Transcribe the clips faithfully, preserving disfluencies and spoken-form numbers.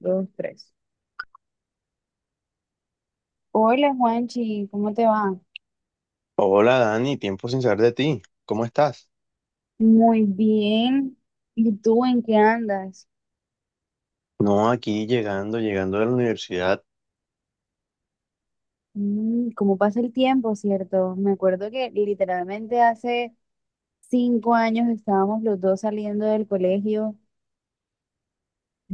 Dos, tres. Hola Juanchi, ¿cómo te va? Hola Dani, tiempo sin saber de ti. ¿Cómo estás? Muy bien. ¿Y tú en qué andas? No, aquí llegando, llegando de la universidad. Mm, ¿cómo pasa el tiempo, cierto? Me acuerdo que literalmente hace cinco años estábamos los dos saliendo del colegio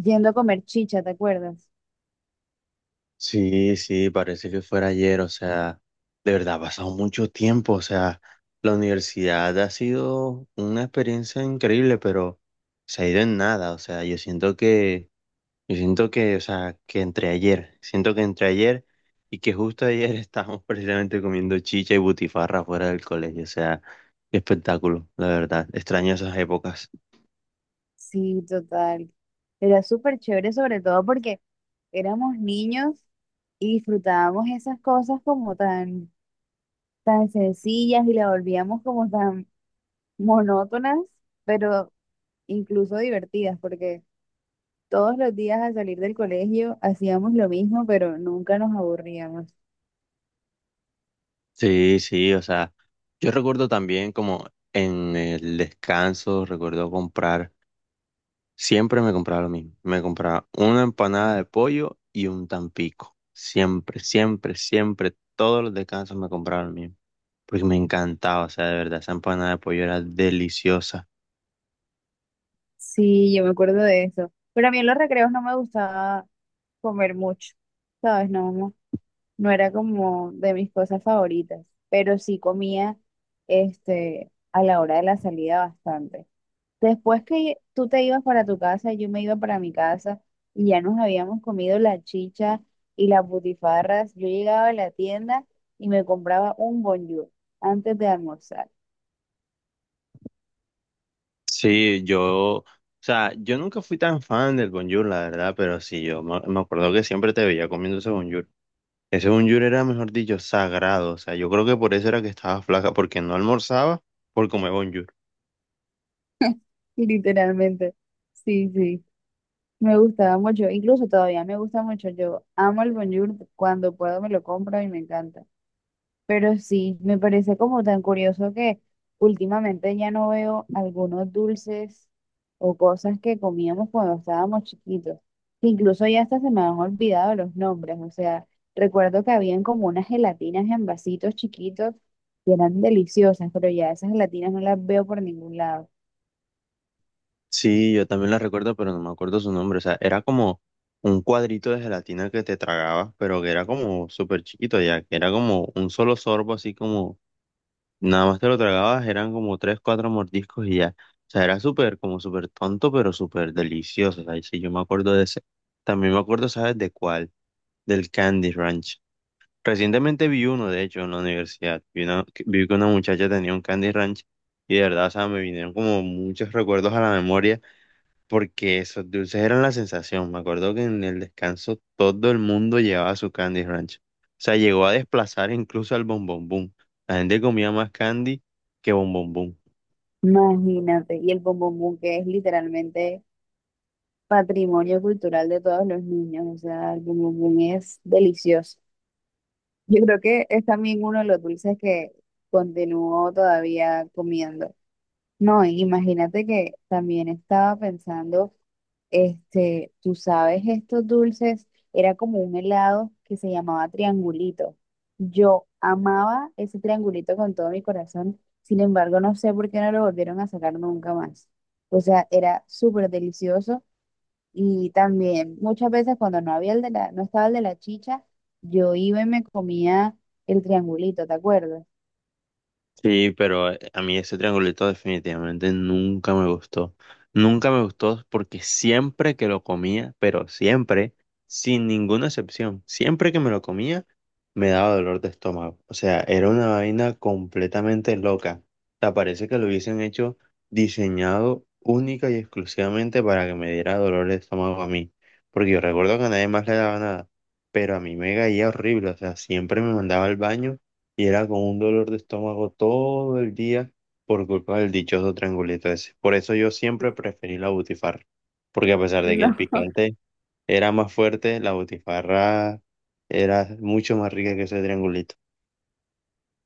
yendo a comer chicha, ¿te acuerdas? Sí, sí, parece que fuera ayer, o sea, de verdad ha pasado mucho tiempo, o sea, la universidad ha sido una experiencia increíble, pero se ha ido en nada, o sea, yo siento que, yo siento que, o sea, que entre ayer, siento que entre ayer y que justo ayer estábamos precisamente comiendo chicha y butifarra fuera del colegio, o sea, qué espectáculo, la verdad, extraño esas épocas. Sí, total. Era súper chévere, sobre todo porque éramos niños y disfrutábamos esas cosas como tan, tan sencillas y las volvíamos como tan monótonas, pero incluso divertidas, porque todos los días al salir del colegio hacíamos lo mismo, pero nunca nos aburríamos. Sí, sí, o sea, yo recuerdo también como en el descanso, recuerdo comprar, siempre me compraba lo mismo, me compraba una empanada de pollo y un tampico, siempre, siempre, siempre, todos los descansos me compraba lo mismo, porque me encantaba, o sea, de verdad, esa empanada de pollo era deliciosa. Sí, yo me acuerdo de eso. Pero a mí en los recreos no me gustaba comer mucho, ¿sabes? No, no, no era como de mis cosas favoritas, pero sí comía este, a la hora de la salida bastante. Después que tú te ibas para tu casa, yo me iba para mi casa y ya nos habíamos comido las chichas y las butifarras, yo llegaba a la tienda y me compraba un bonjour antes de almorzar. Sí, yo, o sea, yo nunca fui tan fan del bonjour, la verdad, pero sí, yo me, me acuerdo que siempre te veía comiendo ese bonjour. Ese bunyur era, mejor dicho, sagrado. O sea, yo creo que por eso era que estaba flaca, porque no almorzaba por comer bunyur. Y literalmente, sí, sí, me gustaba mucho, incluso todavía me gusta mucho. Yo amo el bonjour, cuando puedo me lo compro y me encanta. Pero sí, me parece como tan curioso que últimamente ya no veo algunos dulces o cosas que comíamos cuando estábamos chiquitos. Que Incluso ya hasta se me han olvidado los nombres. O sea, recuerdo que habían como unas gelatinas en vasitos chiquitos que eran deliciosas, pero ya esas gelatinas no las veo por ningún lado. Sí, yo también la recuerdo, pero no me acuerdo su nombre. O sea, era como un cuadrito de gelatina que te tragabas, pero que era como súper chiquito ya, que era como un solo sorbo, así como nada más te lo tragabas, eran como tres, cuatro mordiscos y ya. O sea, era súper, como súper tonto, pero súper delicioso. O sea, sí, yo me acuerdo de ese. También me acuerdo, ¿sabes de cuál? Del Candy Ranch. Recientemente vi uno, de hecho, en la universidad. Vi, una- que- vi que una muchacha tenía un Candy Ranch y de verdad, o sea, me vinieron como muchos recuerdos a la memoria porque esos dulces eran la sensación. Me acuerdo que en el descanso todo el mundo llevaba su Candy Ranch. O sea, llegó a desplazar incluso al Bon Bon Boom. La gente comía más candy que Bon Bon Boom. Imagínate, y el bombombón que es literalmente patrimonio cultural de todos los niños. O sea, el bombombón es delicioso. Yo creo que es también uno de los dulces que continuó todavía comiendo. No, y imagínate que también estaba pensando, este, tú sabes, estos dulces, era como un helado que se llamaba triangulito. Yo amaba ese triangulito con todo mi corazón, sin embargo, no sé por qué no lo volvieron a sacar nunca más. O sea, era súper delicioso y también muchas veces cuando no había el de la, no estaba el de la chicha, yo iba y me comía el triangulito, ¿te acuerdas? Sí, pero eh, a mí ese triangulito definitivamente nunca me gustó. Nunca me gustó porque siempre que lo comía, pero siempre, sin ninguna excepción, siempre que me lo comía, me daba dolor de estómago. O sea, era una vaina completamente loca. O sea, parece que lo hubiesen hecho diseñado única y exclusivamente para que me diera dolor de estómago a mí. Porque yo recuerdo que a nadie más le daba nada, pero a mí me caía horrible. O sea, siempre me mandaba al baño y era con un dolor de estómago todo el día por culpa del dichoso triangulito ese. Por eso yo siempre preferí la butifarra, porque a pesar de que el picante era más fuerte, la butifarra era mucho más rica que ese triangulito.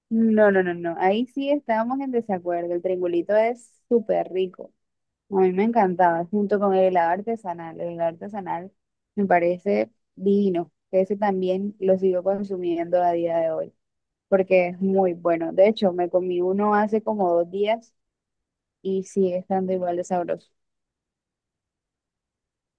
No, no, no, no, no. Ahí sí estábamos en desacuerdo. El triangulito es súper rico. A mí me encantaba, junto con el helado artesanal. El helado artesanal me parece divino. Que Ese también lo sigo consumiendo a día de hoy, porque es muy bueno. De hecho, me comí uno hace como dos días y sigue estando igual de sabroso.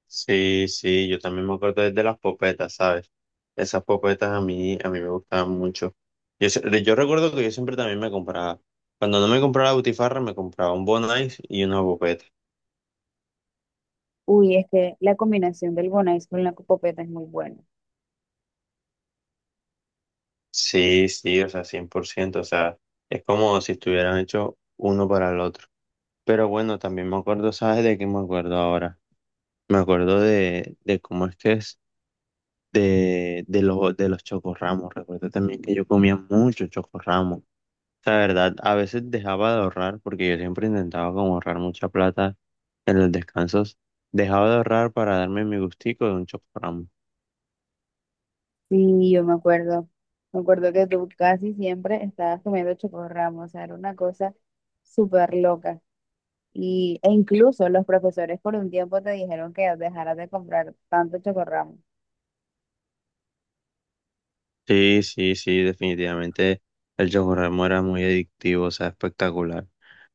Sí, sí, yo también me acuerdo de las popetas, ¿sabes? Esas popetas a mí, a mí me gustaban mucho. Yo, se- yo recuerdo que yo siempre también me compraba, cuando no me compraba la butifarra, me compraba un Bon Ice y una popeta. Uy, es que la combinación del Bonais con la copopeta es muy buena. Sí, sí, o sea, cien por ciento, o sea, es como si estuvieran hechos uno para el otro. Pero bueno, también me acuerdo, ¿sabes de qué me acuerdo ahora? Me acuerdo de, de cómo es que es de, de los, de los chocorramos. Recuerdo también que yo comía mucho chocorramos. La verdad, a veces dejaba de ahorrar, porque yo siempre intentaba como ahorrar mucha plata en los descansos. Dejaba de ahorrar para darme mi gustico de un chocorramo. Sí, yo me acuerdo. Me acuerdo que tú casi siempre estabas comiendo chocorramo, o sea, era una cosa súper loca. Y, e incluso los profesores por un tiempo te dijeron que dejaras de comprar tanto chocorramo. Sí, sí, sí, definitivamente el Chocorramo era muy adictivo, o sea, espectacular.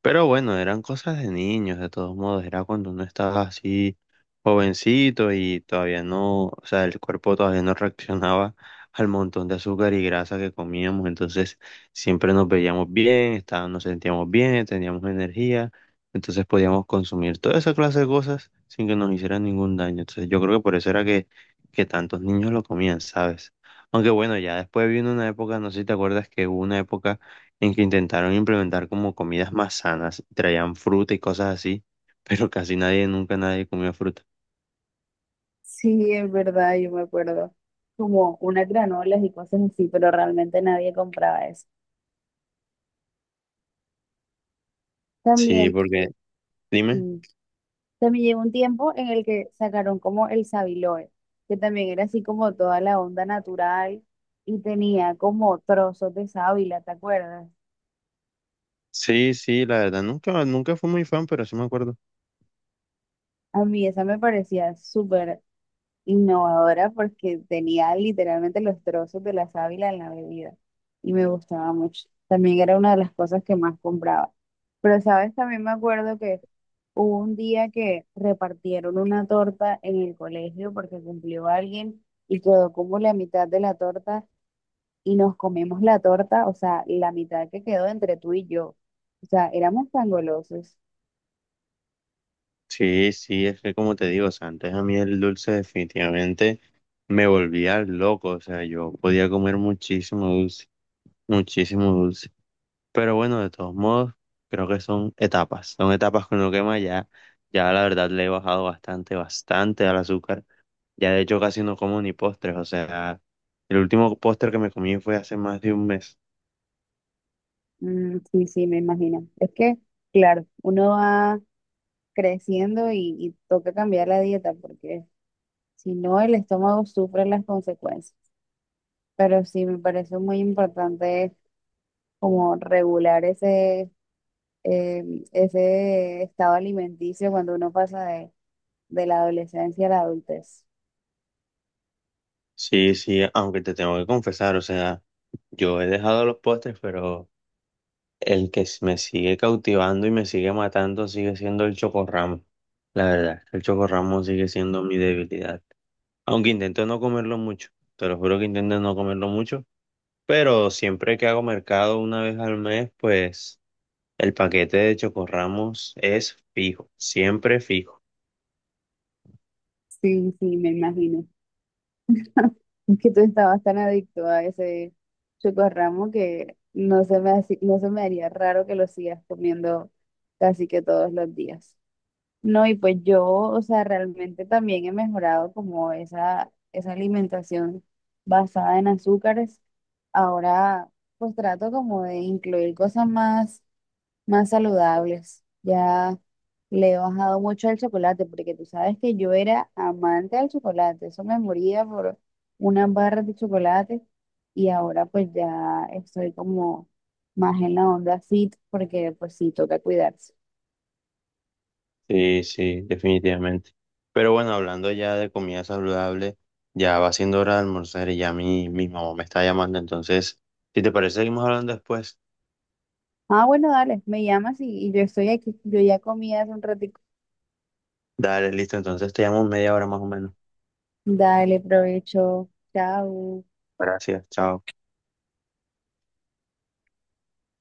Pero bueno, eran cosas de niños, de todos modos, era cuando uno estaba así jovencito y todavía no, o sea, el cuerpo todavía no reaccionaba al montón de azúcar y grasa que comíamos, entonces siempre nos veíamos bien, estábamos, nos sentíamos bien, teníamos energía, entonces podíamos consumir toda esa clase de cosas sin que nos hicieran ningún daño. Entonces yo creo que por eso era que, que tantos niños lo comían, ¿sabes? Aunque bueno, ya después vino una época, no sé si te acuerdas que hubo una época en que intentaron implementar como comidas más sanas, traían fruta y cosas así, pero casi nadie, nunca nadie comió fruta. Sí, es verdad, yo me acuerdo. Como unas granolas y cosas así, pero realmente nadie compraba eso. Sí, También, porque, dime, mm, También llegó un tiempo en el que sacaron como el Sabiloe, que también era así como toda la onda natural y tenía como trozos de sábila, ¿te acuerdas? sí, sí, la verdad, nunca, nunca fui muy fan, pero sí me acuerdo. A mí esa me parecía súper innovadora porque tenía literalmente los trozos de la sábila en la bebida y me gustaba mucho. También era una de las cosas que más compraba. Pero, ¿sabes? También me acuerdo que hubo un día que repartieron una torta en el colegio porque cumplió alguien y quedó como la mitad de la torta y nos comemos la torta, o sea, la mitad que quedó entre tú y yo. O sea, éramos tan golosos. Sí, sí, es que como te digo, o sea, antes a mí el dulce definitivamente me volvía loco, o sea, yo podía comer muchísimo dulce, muchísimo dulce. Pero bueno, de todos modos, creo que son etapas. Son etapas con lo que más ya, ya la verdad le he bajado bastante, bastante al azúcar. Ya de hecho casi no como ni postres. O sea, el último postre que me comí fue hace más de un mes. Mm, sí, sí, me imagino. Es que, claro, uno va creciendo y, y toca cambiar la dieta porque si no, el estómago sufre las consecuencias. Pero sí, me parece muy importante como regular ese, eh, ese estado alimenticio cuando uno pasa de, de la adolescencia a la adultez. Sí, sí, aunque te tengo que confesar, o sea, yo he dejado los postres, pero el que s- me sigue cautivando y me sigue matando sigue siendo el chocorramo. La verdad, el chocorramo sigue siendo mi debilidad. Aunque intento no comerlo mucho. Te lo juro que intento no comerlo mucho. Pero siempre que hago mercado una vez al mes, pues el paquete de Chocorramos es fijo, siempre fijo. Sí, sí, me imagino. Es que tú estabas tan adicto a ese chocorramo que no se me, haci- no se me haría raro que lo sigas comiendo casi que todos los días. No, y pues yo, o sea, realmente también he mejorado como esa, esa alimentación basada en azúcares. Ahora, pues trato como de incluir cosas más más saludables. Ya le he bajado mucho al chocolate, porque tú sabes que yo era amante del chocolate. Eso me moría por unas barras de chocolate. Y ahora pues ya estoy como más en la onda fit, porque pues sí, toca cuidarse. Sí, sí, definitivamente. Pero bueno, hablando ya de comida saludable, ya va siendo hora de almorzar y ya mi, mi mamá me está llamando. Entonces, si te parece, seguimos hablando después. Ah, bueno, dale, me llamas y, y yo estoy aquí. Yo ya comí hace un ratito. Dale, listo. Entonces te llamo en media hora más o menos. Dale, provecho. Chao. Gracias, chao.